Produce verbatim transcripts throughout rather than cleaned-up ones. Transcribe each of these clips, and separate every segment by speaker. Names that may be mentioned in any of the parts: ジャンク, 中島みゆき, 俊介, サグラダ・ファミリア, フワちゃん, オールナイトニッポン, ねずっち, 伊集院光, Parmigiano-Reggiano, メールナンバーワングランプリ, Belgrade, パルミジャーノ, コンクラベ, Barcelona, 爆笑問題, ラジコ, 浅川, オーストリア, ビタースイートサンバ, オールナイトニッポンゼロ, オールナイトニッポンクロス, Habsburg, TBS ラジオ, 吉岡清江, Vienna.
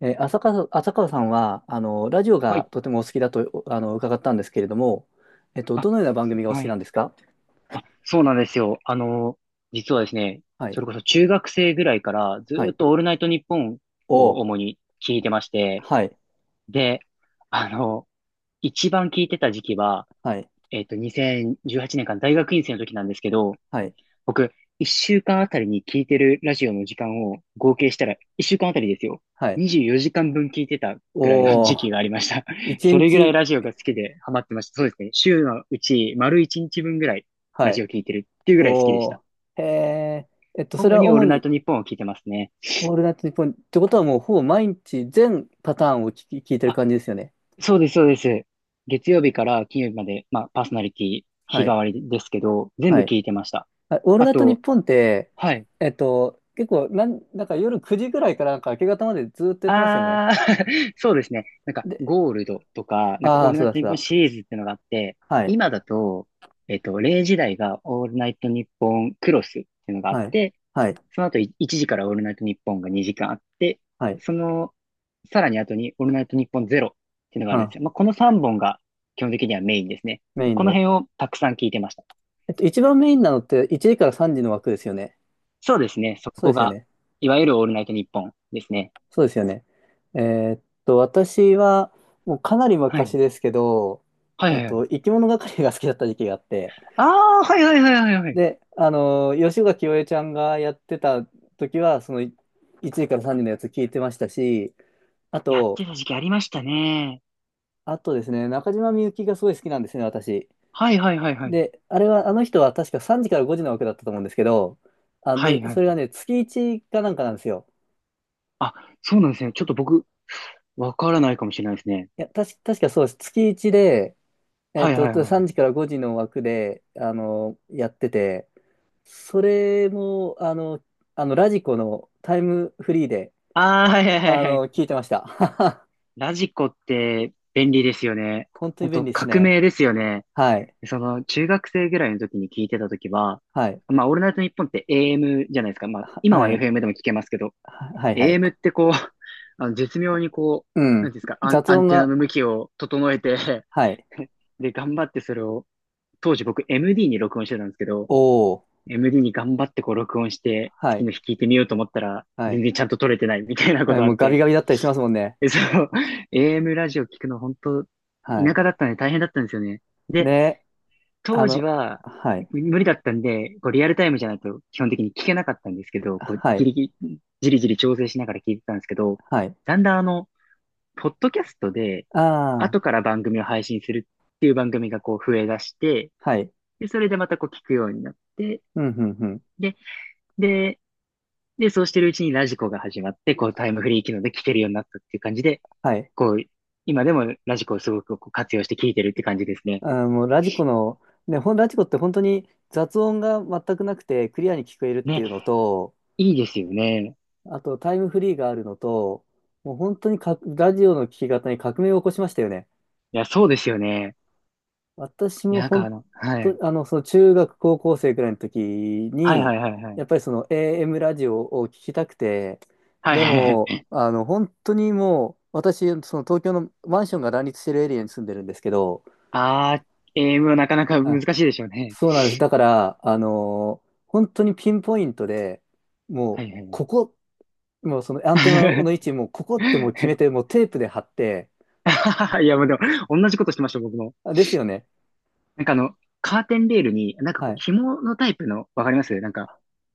Speaker 1: えー浅川、浅川さんは、あの、ラジオ
Speaker 2: は
Speaker 1: が
Speaker 2: い。
Speaker 1: とてもお好きだと、あの、伺ったんですけれども、えっと、
Speaker 2: あ、
Speaker 1: どのような番組がお好
Speaker 2: は
Speaker 1: きなん
Speaker 2: い。
Speaker 1: ですか？
Speaker 2: あ、そうなんですよ。あの、実はですね、
Speaker 1: は
Speaker 2: そ
Speaker 1: い。
Speaker 2: れこそ中学生ぐらいからず
Speaker 1: は
Speaker 2: ーっ
Speaker 1: い。
Speaker 2: とオールナイトニッポン
Speaker 1: お
Speaker 2: を
Speaker 1: ー。
Speaker 2: 主に聞いてまして、
Speaker 1: はい。
Speaker 2: で、あの、一番聞いてた時期は、
Speaker 1: はい。
Speaker 2: えっと、にせんじゅうはちねんかん大学院生の時なんですけど、
Speaker 1: はい。
Speaker 2: 僕、一週間あたりに聞いてるラジオの時間を合計したら、一週間あたりですよ。
Speaker 1: はい。
Speaker 2: にじゅうよじかんぶん聞いてたぐらいの
Speaker 1: お
Speaker 2: 時
Speaker 1: ー。
Speaker 2: 期がありました。
Speaker 1: 一
Speaker 2: それぐらい
Speaker 1: 日。
Speaker 2: ラジオが好きでハマってました。そうですね。週のうち丸いちにちぶんぐらい
Speaker 1: は
Speaker 2: ラジ
Speaker 1: い。
Speaker 2: オ聞いてるっていうぐらい好きでし
Speaker 1: お
Speaker 2: た。
Speaker 1: ー。へえ。えっと、それ
Speaker 2: 主
Speaker 1: は
Speaker 2: にオー
Speaker 1: 主
Speaker 2: ルナイ
Speaker 1: に、
Speaker 2: トニッポンを聞いてますね。
Speaker 1: オールナイトニッポン、ってことはもう、ほぼ毎日全パターンを聞き、聞いてる
Speaker 2: あ、
Speaker 1: 感じですよね。
Speaker 2: そうです、そうです。月曜日から金曜日まで、まあ、パーソナリティ日
Speaker 1: は
Speaker 2: 替
Speaker 1: い。
Speaker 2: わりですけど、全
Speaker 1: は
Speaker 2: 部
Speaker 1: い。
Speaker 2: 聞いてました。
Speaker 1: あオール
Speaker 2: あ
Speaker 1: ナイトニッ
Speaker 2: と、
Speaker 1: ポンって、
Speaker 2: はい。
Speaker 1: えっと、結構、なん、なんか夜くじぐらいからなんか明け方までずっとやってますよね。
Speaker 2: ああ、そうですね。なんか、
Speaker 1: で、
Speaker 2: ゴールドとか、なんか、
Speaker 1: あ
Speaker 2: オー
Speaker 1: あ、
Speaker 2: ル
Speaker 1: そ
Speaker 2: ナ
Speaker 1: う
Speaker 2: イ
Speaker 1: だ
Speaker 2: トニ
Speaker 1: そう
Speaker 2: ッポン
Speaker 1: だ。
Speaker 2: シリーズっていうのがあって、
Speaker 1: はい。
Speaker 2: 今だと、えっと、れいじ台がオールナイトニッポンクロスっていうのがあっ
Speaker 1: はい。
Speaker 2: て、
Speaker 1: はい。
Speaker 2: その後いいちじからオールナイトニッポンがにじかんあって、
Speaker 1: はい。
Speaker 2: その、さらに後にオールナイトニッポンゼロっていうのがあ
Speaker 1: う
Speaker 2: るんで
Speaker 1: ん。
Speaker 2: すよ。まあ、このさんぼんが基本的にはメインですね。
Speaker 1: メイン
Speaker 2: この
Speaker 1: で。
Speaker 2: 辺をたくさん聞いてました。
Speaker 1: えっと、一番メインなのっていちじからさんじの枠ですよね。
Speaker 2: そうですね。そ
Speaker 1: そう
Speaker 2: こ
Speaker 1: ですよ
Speaker 2: が、
Speaker 1: ね。
Speaker 2: いわゆるオールナイトニッポンですね。
Speaker 1: そうですよね。えーっと、私は、もうかなり
Speaker 2: はい。
Speaker 1: 昔ですけど、
Speaker 2: はい
Speaker 1: え
Speaker 2: は
Speaker 1: っ
Speaker 2: いはい。
Speaker 1: と、生き物係が好きだった時期があって、
Speaker 2: ああ、はいはいはいはいはい。
Speaker 1: で、あのー、吉岡清江ちゃんがやってた時は、そのいちじからさんじのやつ聞いてましたし、あ
Speaker 2: やっ
Speaker 1: と、
Speaker 2: てた時期ありましたね。
Speaker 1: あとですね、中島みゆきがすごい好きなんですね、私。
Speaker 2: はいはいはいはい。
Speaker 1: で、あれは、あの人は確かさんじからごじの枠だったと思うんですけど、あ、
Speaker 2: は
Speaker 1: で、
Speaker 2: いはい
Speaker 1: それ
Speaker 2: は
Speaker 1: が
Speaker 2: い。
Speaker 1: ね、月いちかなんかなんですよ。
Speaker 2: あ、そうなんですね。ちょっと僕、わからないかもしれないですね。
Speaker 1: いや、たし、確かそうです。月いちで、え
Speaker 2: は
Speaker 1: っ
Speaker 2: いは
Speaker 1: と、
Speaker 2: いはい。
Speaker 1: さんじからごじの枠で、あの、やってて、それも、あの、あの、ラジコのタイムフリーで、
Speaker 2: ああ、はいはいはい
Speaker 1: あ
Speaker 2: は
Speaker 1: の、
Speaker 2: い。
Speaker 1: 聞いてました。
Speaker 2: ラジコって便利ですよね。
Speaker 1: 本当に
Speaker 2: 本
Speaker 1: 便
Speaker 2: 当
Speaker 1: 利です
Speaker 2: 革
Speaker 1: ね。
Speaker 2: 命ですよね。
Speaker 1: はい。
Speaker 2: その、中学生ぐらいの時に聞いてた時は、
Speaker 1: はい。
Speaker 2: まあ、オールナイトニッポンって エーエム じゃないですか。まあ、
Speaker 1: は
Speaker 2: 今
Speaker 1: は
Speaker 2: は
Speaker 1: い。
Speaker 2: エフエム でも聞けますけど、
Speaker 1: ははい。はい。
Speaker 2: エーエム ってこう、あの絶妙にこ
Speaker 1: う
Speaker 2: う、なん
Speaker 1: ん。
Speaker 2: ていうんですか、アン、
Speaker 1: 雑
Speaker 2: アン
Speaker 1: 音
Speaker 2: テナ
Speaker 1: が、
Speaker 2: の向きを整えて
Speaker 1: はい。
Speaker 2: で、頑張ってそれを当時僕 エムディー に録音してたんですけど、
Speaker 1: おー。
Speaker 2: エムディー に頑張ってこう録音して、
Speaker 1: は
Speaker 2: 次の
Speaker 1: い。
Speaker 2: 日聞いてみようと思ったら、
Speaker 1: は
Speaker 2: 全
Speaker 1: い。
Speaker 2: 然ちゃんと撮れてないみたいな
Speaker 1: え
Speaker 2: こ
Speaker 1: ー
Speaker 2: とあ
Speaker 1: も
Speaker 2: っ
Speaker 1: うガビ
Speaker 2: て。
Speaker 1: ガビだったりしま すもんね。
Speaker 2: で、そう、エーエム ラジオ聞くの本当、
Speaker 1: は
Speaker 2: 田
Speaker 1: い。
Speaker 2: 舎だったんで大変だったんですよね。で、
Speaker 1: で、あ
Speaker 2: 当時
Speaker 1: の、
Speaker 2: は
Speaker 1: はい、
Speaker 2: 無理だったんで、こうリアルタイムじゃないと基本的に聞けなかったんですけど、こう
Speaker 1: は
Speaker 2: ギ
Speaker 1: い、
Speaker 2: リギリ、じりじり調整しながら聞いてたんですけど、
Speaker 1: はい。
Speaker 2: だんだんあの、ポッドキャストで、
Speaker 1: あ
Speaker 2: 後
Speaker 1: あ、
Speaker 2: から番組を配信するっていう番組がこう増え出して、
Speaker 1: はい。
Speaker 2: で、それでまたこう聞くようになって、
Speaker 1: うん、うん、うん。
Speaker 2: で、で、で、そうしてるうちにラジコが始まって、こうタイムフリー機能で聞けるようになったっていう感じで、
Speaker 1: はい。
Speaker 2: こう、今でもラジコをすごくこう活用して聞いてるって感じですね。
Speaker 1: あー、もうラジコの、ね、ほん、ラジコって本当に雑音が全くなくてクリアに聞こえるって
Speaker 2: ね、
Speaker 1: いうのと、
Speaker 2: いいですよね。
Speaker 1: あとタイムフリーがあるのと、もう本当にか、ラジオの聞き方に革命を起こしましたよね。
Speaker 2: いや、そうですよね。
Speaker 1: 私
Speaker 2: いや、
Speaker 1: も
Speaker 2: なんかあ
Speaker 1: 本
Speaker 2: の、は
Speaker 1: 当、
Speaker 2: い。
Speaker 1: あの、その中学、高校生くらいの時
Speaker 2: はいは
Speaker 1: に、
Speaker 2: いはいはい。
Speaker 1: やっぱりその エーエム ラジオを聞きたくて、
Speaker 2: はい
Speaker 1: で
Speaker 2: はい
Speaker 1: も、
Speaker 2: はい。
Speaker 1: あの、本当にもう、私、その東京のマンションが乱立してるエリアに住んでるんですけど、
Speaker 2: あー、a ムはなかなか難
Speaker 1: あ、
Speaker 2: しいでしょうね。
Speaker 1: そうなんです。だから、あの、本当にピンポイントで、も
Speaker 2: は
Speaker 1: う、
Speaker 2: いはいは
Speaker 1: ここ、もうそのアンテナの位置、もうここってもう決めて、もうテープで貼って、
Speaker 2: い。いや、もうでも、同じことしてました、僕も。
Speaker 1: あですよね。
Speaker 2: なんかあの、カーテンレールに、なんか
Speaker 1: は
Speaker 2: こう、
Speaker 1: い。
Speaker 2: 紐のタイプの、わかりますなんか、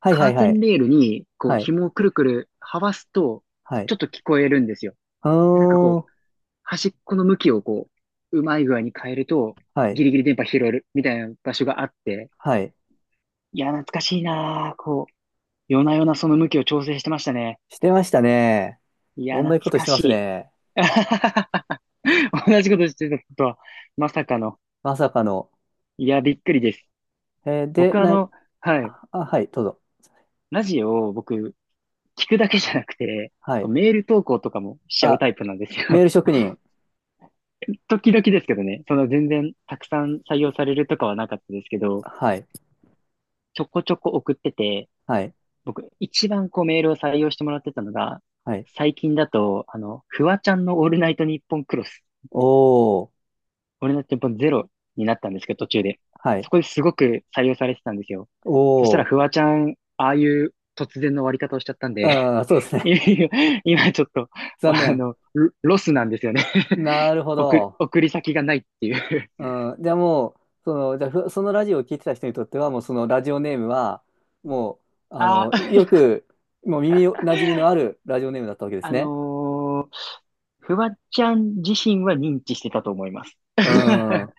Speaker 1: はいは
Speaker 2: カー
Speaker 1: い
Speaker 2: テ
Speaker 1: は
Speaker 2: ン
Speaker 1: い。
Speaker 2: レールに、こう、
Speaker 1: はい。
Speaker 2: 紐をくるくるはわすと、
Speaker 1: は
Speaker 2: ち
Speaker 1: い。
Speaker 2: ょっと聞こえるんですよ。
Speaker 1: あ
Speaker 2: で、なんかこう、
Speaker 1: の
Speaker 2: 端っこの向きをこう、うまい具合に変えると、
Speaker 1: ーはい。
Speaker 2: ギリギリ電波拾えるみたいな場所があって、
Speaker 1: はい。
Speaker 2: いや、懐かしいなぁ。こう、夜な夜なその向きを調整してましたね。
Speaker 1: してましたね。
Speaker 2: いや、
Speaker 1: 同
Speaker 2: 懐
Speaker 1: じことし
Speaker 2: か
Speaker 1: てま
Speaker 2: し
Speaker 1: す
Speaker 2: い。
Speaker 1: ね。
Speaker 2: 同じことしてたとは、まさかの。
Speaker 1: まさかの。
Speaker 2: いや、びっくりです。
Speaker 1: えーで、
Speaker 2: 僕あ
Speaker 1: な、
Speaker 2: の、はい、
Speaker 1: あ、はい、どうぞ。
Speaker 2: ラジオを僕、聞くだけじゃなくて、
Speaker 1: は
Speaker 2: こう
Speaker 1: い。
Speaker 2: メール投稿とかもしちゃう
Speaker 1: あ、
Speaker 2: タイプなんです
Speaker 1: メ
Speaker 2: よ。
Speaker 1: ール職人。
Speaker 2: 時々ですけどね、その全然たくさん採用されるとかはなかったですけど、
Speaker 1: はい、
Speaker 2: ちょこちょこ送ってて、
Speaker 1: はい、
Speaker 2: 僕一番こうメールを採用してもらってたのが、
Speaker 1: はい。
Speaker 2: 最近だと、あの、フワちゃんのオールナイトニッポンクロス、
Speaker 1: おー、
Speaker 2: オールナイトニッポンゼロになったんですけど、途中で。
Speaker 1: はい、
Speaker 2: そこですごく採用されてたんですよ。そした
Speaker 1: お
Speaker 2: らフ
Speaker 1: ー。
Speaker 2: ワちゃん、ああいう突然の終わり方をしちゃったんで、
Speaker 1: あー、そうです ね。
Speaker 2: 今今ちょっと、
Speaker 1: 残
Speaker 2: あ
Speaker 1: 念。
Speaker 2: の、ロロスなんですよね。
Speaker 1: な るほ
Speaker 2: 送り、
Speaker 1: ど。
Speaker 2: 送り先がないっていう。
Speaker 1: うん、じゃあもう、その、じゃあふそのラジオを聞いてた人にとっては、もうそのラジオネームは、もう、あ
Speaker 2: あ、
Speaker 1: の、よく、もう耳馴染みのあるラジオネームだったわけです
Speaker 2: あ
Speaker 1: ね。
Speaker 2: のーフワちゃん自身は認知してたと思います。
Speaker 1: うん。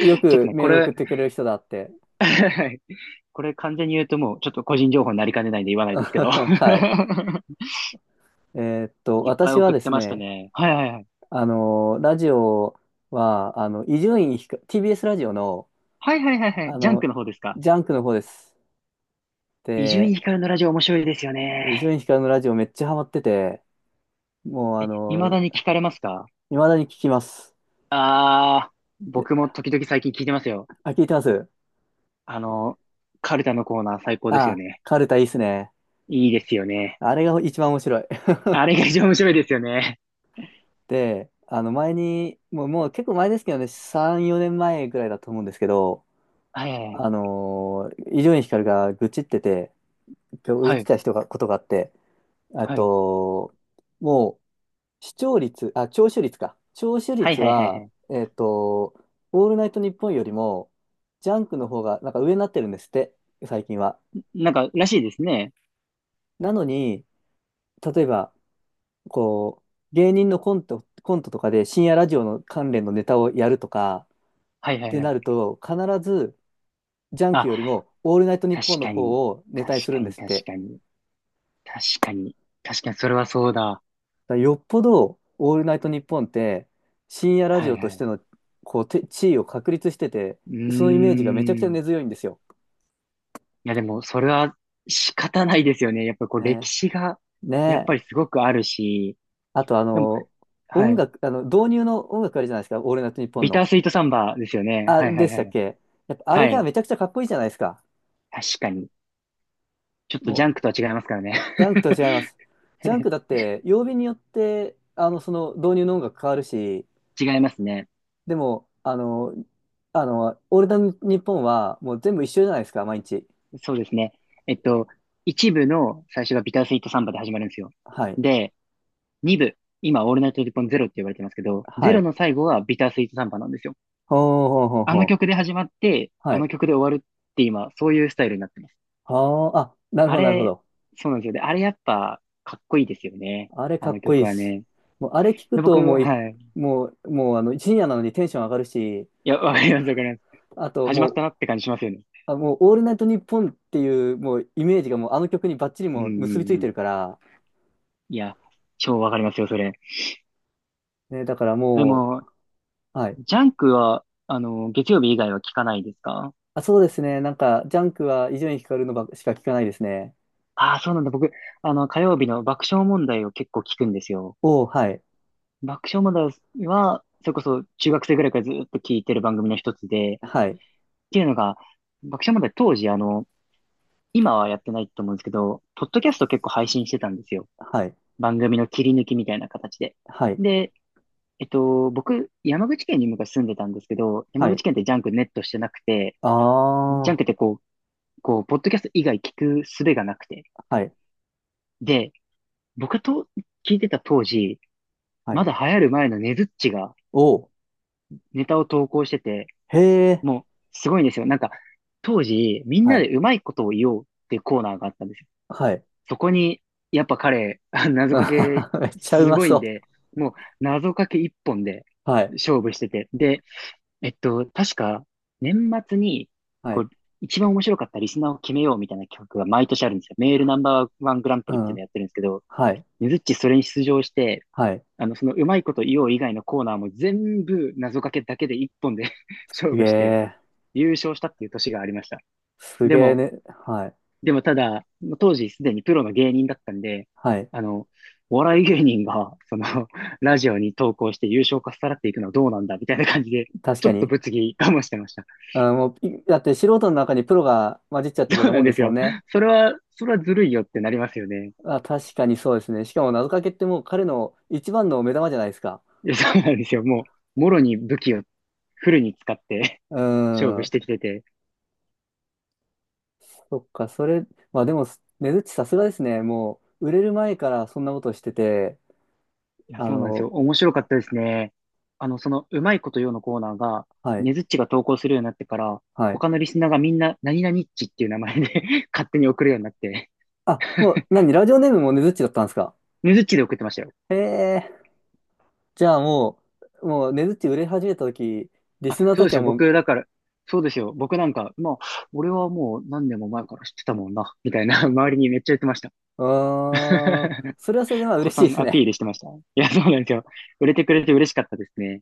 Speaker 1: よ
Speaker 2: ちょっと
Speaker 1: く
Speaker 2: ね、
Speaker 1: メ
Speaker 2: こ
Speaker 1: ール送
Speaker 2: れ
Speaker 1: ってくれる人だって。
Speaker 2: これ完全に言うともうちょっと個人情報になりかねないんで言わな いですけど
Speaker 1: はい。えーっ と、
Speaker 2: いっぱい
Speaker 1: 私は
Speaker 2: 送っ
Speaker 1: で
Speaker 2: て
Speaker 1: す
Speaker 2: ました
Speaker 1: ね、
Speaker 2: ね。はいはいはい。
Speaker 1: あの、ラジオは、あの、伊集院光、ティービーエス ラジオの、
Speaker 2: はいはいはいはい。
Speaker 1: あ
Speaker 2: ジャンク
Speaker 1: の、
Speaker 2: の方ですか。
Speaker 1: ジャンクの方です。
Speaker 2: 伊集
Speaker 1: で、
Speaker 2: 院光のラジオ面白いですよ
Speaker 1: 伊集
Speaker 2: ね。
Speaker 1: 院光のラジオめっちゃハマってて、もう、あ
Speaker 2: え、未
Speaker 1: の、
Speaker 2: だに聞かれますか？
Speaker 1: 未だに聞きます。
Speaker 2: あー、
Speaker 1: で、
Speaker 2: 僕も時々最近聞いてますよ。
Speaker 1: あ、聞いてます
Speaker 2: あの、カルタのコーナー最高ですよ
Speaker 1: あ、
Speaker 2: ね。
Speaker 1: カルタいいっすね。
Speaker 2: いいですよね。
Speaker 1: あれが一番面白い。
Speaker 2: あれが一番面白いですよね。
Speaker 1: で、あの、前に、もう、もう結構前ですけどね、さん、よねんまえぐらいだと思うんですけど、
Speaker 2: はいは
Speaker 1: あ
Speaker 2: い
Speaker 1: の、伊集院光が愚痴ってて、今日言っ
Speaker 2: は
Speaker 1: て
Speaker 2: い。
Speaker 1: た人が、ことがあって、あ
Speaker 2: はい。
Speaker 1: と、もう、視聴率、あ、聴取率か。聴取
Speaker 2: はい。
Speaker 1: 率
Speaker 2: はいはいはい
Speaker 1: は、
Speaker 2: はい。
Speaker 1: えっと、オールナイトニッポンよりも、ジャンクの方が、なんか上になってるんですって、最近は。
Speaker 2: なんか、らしいですね。
Speaker 1: なのに、例えば、こう、芸人のコント、コントとかで深夜ラジオの関連のネタをやるとか
Speaker 2: は
Speaker 1: っ
Speaker 2: いはい
Speaker 1: て
Speaker 2: は
Speaker 1: な
Speaker 2: い。
Speaker 1: ると、必ず、ジャンク
Speaker 2: あ、
Speaker 1: よりも、オールナイトニッ
Speaker 2: 確
Speaker 1: ポンの
Speaker 2: かに。
Speaker 1: 方をネ
Speaker 2: 確
Speaker 1: タにす
Speaker 2: か
Speaker 1: るんで
Speaker 2: に、
Speaker 1: すっ
Speaker 2: 確
Speaker 1: て。
Speaker 2: かに。確かに。確かに、それはそうだ。
Speaker 1: だからよっぽど、オールナイトニッポンって、深夜ラジ
Speaker 2: はい
Speaker 1: オと
Speaker 2: は
Speaker 1: して
Speaker 2: い。
Speaker 1: の、こう、て地位を確立してて、
Speaker 2: う
Speaker 1: そのイ
Speaker 2: ー
Speaker 1: メージがめちゃくちゃ
Speaker 2: ん。い
Speaker 1: 根強いんですよ。
Speaker 2: や、でも、それは仕方ないですよね。やっぱりこう、歴
Speaker 1: ね。
Speaker 2: 史が、
Speaker 1: ね
Speaker 2: やっぱり
Speaker 1: え。
Speaker 2: すごくあるし。
Speaker 1: あと、あ
Speaker 2: でも、
Speaker 1: の、
Speaker 2: は
Speaker 1: 音
Speaker 2: い。
Speaker 1: 楽、あの、導入の音楽あるじゃないですか、オールナイトニッポン
Speaker 2: ビタ
Speaker 1: の。
Speaker 2: ースイートサンバですよね。
Speaker 1: あ、
Speaker 2: はいは
Speaker 1: で
Speaker 2: い
Speaker 1: し
Speaker 2: は
Speaker 1: たっ
Speaker 2: い。
Speaker 1: けやっぱ、あ
Speaker 2: は
Speaker 1: れが
Speaker 2: い。
Speaker 1: めちゃくちゃかっこいいじゃないですか。
Speaker 2: 確かに。ちょっと
Speaker 1: も
Speaker 2: ジャンクと
Speaker 1: う、
Speaker 2: は違いますからね。
Speaker 1: ジャンクとは違います。ジャンクだ って、曜日によって、あの、その導入の音楽変わるし、
Speaker 2: 違いますね。
Speaker 1: でも、あの、あの、オールナイトニッポンは、もう全部一緒じゃないですか、毎日。
Speaker 2: そうですね。えっと、一部の最初がビタースイートサンバで始まるんですよ。
Speaker 1: はい。
Speaker 2: で、に部、今、オールナイトニッポンゼロって言われてますけど、
Speaker 1: は
Speaker 2: ゼロ
Speaker 1: い。
Speaker 2: の最後はビタースイートサンバなんですよ。
Speaker 1: ほうほうほう
Speaker 2: あ
Speaker 1: ほ
Speaker 2: の曲
Speaker 1: う。
Speaker 2: で始まって、
Speaker 1: は
Speaker 2: あの
Speaker 1: い。
Speaker 2: 曲で終わるって今、そういうスタイルになってます。
Speaker 1: はあ、あ、なるほ
Speaker 2: あ
Speaker 1: ど、なるほ
Speaker 2: れ、
Speaker 1: ど。
Speaker 2: そうなんですよね。あれやっぱ、かっこいいですよね。
Speaker 1: あれ
Speaker 2: あ
Speaker 1: か
Speaker 2: の
Speaker 1: っこいい
Speaker 2: 曲
Speaker 1: っ
Speaker 2: は
Speaker 1: す。
Speaker 2: ね。
Speaker 1: もう、あれ聞く
Speaker 2: で僕、
Speaker 1: と、もうい、
Speaker 2: はい。
Speaker 1: もう、もう、あの、深夜なのにテンション上がるし、
Speaker 2: いや、わかります、わかります。
Speaker 1: あと、
Speaker 2: 始まっ
Speaker 1: もう、
Speaker 2: たなって感じしますよね。
Speaker 1: あ、もう、オールナイトニッポンっていう、もう、イメージがもう、あの曲にバッチリ
Speaker 2: うんう
Speaker 1: もう結びつ
Speaker 2: ん
Speaker 1: い
Speaker 2: う
Speaker 1: て
Speaker 2: ん。
Speaker 1: るから、
Speaker 2: いや、超わかりますよ、それ。
Speaker 1: ね、だから
Speaker 2: で
Speaker 1: も
Speaker 2: も、
Speaker 1: う、はい。
Speaker 2: ジャンクは、あの、月曜日以外は聞かないですか？
Speaker 1: あ、そうですね。なんか、ジャンクは伊集院光のばしか聞かないですね。
Speaker 2: ああー、そうなんだ。僕、あの、火曜日の爆笑問題を結構聞くんですよ。
Speaker 1: おー、はい。
Speaker 2: 爆笑問題は、それこそ中学生ぐらいからずっと聞いてる番組の一つで、っ
Speaker 1: はい。
Speaker 2: ていうのが、爆笑問題当時、あの、今はやってないと思うんですけど、ポッドキャスト結構配信してたんですよ。
Speaker 1: はい。
Speaker 2: 番組の切り抜きみたいな形で。
Speaker 1: はい。
Speaker 2: で、えっと、僕、山口県に昔住んでたんですけど、山
Speaker 1: は
Speaker 2: 口
Speaker 1: い。
Speaker 2: 県ってジャンクネットしてなくて、
Speaker 1: あ
Speaker 2: ジャン
Speaker 1: あ、
Speaker 2: クってこう、こう、ポッドキャスト以外聞く術がなくて。
Speaker 1: はい。
Speaker 2: で、僕と聞いてた当時、
Speaker 1: は
Speaker 2: ま
Speaker 1: い。
Speaker 2: だ流行る前のねずっちが
Speaker 1: おー、
Speaker 2: ネタを投稿してて、
Speaker 1: へえ、
Speaker 2: もう、すごいんですよ。なんか、当時、みん
Speaker 1: は
Speaker 2: な
Speaker 1: い。
Speaker 2: でうまいことを言おうっていうコーナーがあったんですよ。
Speaker 1: はい。
Speaker 2: そこに、やっぱ彼、あ謎
Speaker 1: うん
Speaker 2: かけ、
Speaker 1: めっちゃう
Speaker 2: す
Speaker 1: ま
Speaker 2: ごいん
Speaker 1: そ
Speaker 2: で、もう、謎かけ一本で
Speaker 1: う。はい。
Speaker 2: 勝負してて。で、えっと、確か、年末に、
Speaker 1: は
Speaker 2: こ
Speaker 1: い。
Speaker 2: う、一番面白かったリスナーを決めようみたいな企画が毎年あるんですよ。メールナ
Speaker 1: は
Speaker 2: ンバーワングランプ
Speaker 1: う
Speaker 2: リっていうの
Speaker 1: ん。
Speaker 2: やってるんですけど、
Speaker 1: はい。
Speaker 2: ねずっちそれに出場して、
Speaker 1: はい。
Speaker 2: あの、そのうまいこと言おう以外のコーナーも全部謎かけだけで一本で 勝
Speaker 1: すげ
Speaker 2: 負して、
Speaker 1: え。
Speaker 2: 優勝したっていう年がありました。
Speaker 1: す
Speaker 2: で
Speaker 1: げえ
Speaker 2: も、
Speaker 1: ね。はい。
Speaker 2: でもただ、当時すでにプロの芸人だったんで、
Speaker 1: はい。
Speaker 2: あの、お笑い芸人が、その、ラジオに投稿して優勝かっさらっていくのはどうなんだ、みたいな感じで、
Speaker 1: 確
Speaker 2: ちょ
Speaker 1: か
Speaker 2: っと
Speaker 1: に。
Speaker 2: 物議かもしてました。
Speaker 1: あ、もう、いだって素人の中にプロが混じっちゃってるよう
Speaker 2: そう
Speaker 1: な
Speaker 2: な
Speaker 1: も
Speaker 2: ん
Speaker 1: んで
Speaker 2: です
Speaker 1: すもん
Speaker 2: よ。
Speaker 1: ね。
Speaker 2: それは、それはずるいよってなりますよね。
Speaker 1: あ、確かにそうですね。しかも謎かけってもう彼の一番の目玉じゃないですか。
Speaker 2: いやそうなんですよ。もう、もろに武器をフルに使って
Speaker 1: う
Speaker 2: 勝
Speaker 1: ー
Speaker 2: 負し
Speaker 1: ん。
Speaker 2: てきてて、
Speaker 1: そっか、それ、まあでも、ねずっちさすがですね。もう、売れる前からそんなことしてて、
Speaker 2: いや、
Speaker 1: あ
Speaker 2: そうなんですよ。
Speaker 1: の、
Speaker 2: 面白かったですね。あの、その、うまいことよのコーナーが、
Speaker 1: はい。
Speaker 2: ねずっちが投稿するようになってから、
Speaker 1: はい。
Speaker 2: 他のリスナーがみんな、何々っちっていう名前で 勝手に送るようになって、
Speaker 1: あ、もう、何、ラジオネームもねずっちだったんですか。
Speaker 2: ねずっちで送ってましたよ。
Speaker 1: へえ。じゃあもう、もう、ねずっち売れ始めたとき、リ
Speaker 2: あ、
Speaker 1: スナー
Speaker 2: そう
Speaker 1: た
Speaker 2: で
Speaker 1: ち
Speaker 2: す
Speaker 1: は
Speaker 2: よ。
Speaker 1: もう、
Speaker 2: 僕、だから、そうですよ。僕なんか、まあ、俺はもう何年も前から知ってたもんな、みたいな、周りにめっちゃ言ってました。
Speaker 1: あー、それはそれでまあ
Speaker 2: 子
Speaker 1: 嬉し
Speaker 2: さ
Speaker 1: いで
Speaker 2: ん
Speaker 1: す
Speaker 2: アピ
Speaker 1: ね。
Speaker 2: ールしてました。いや、そうなんですよ。売れてくれて嬉しかったですね。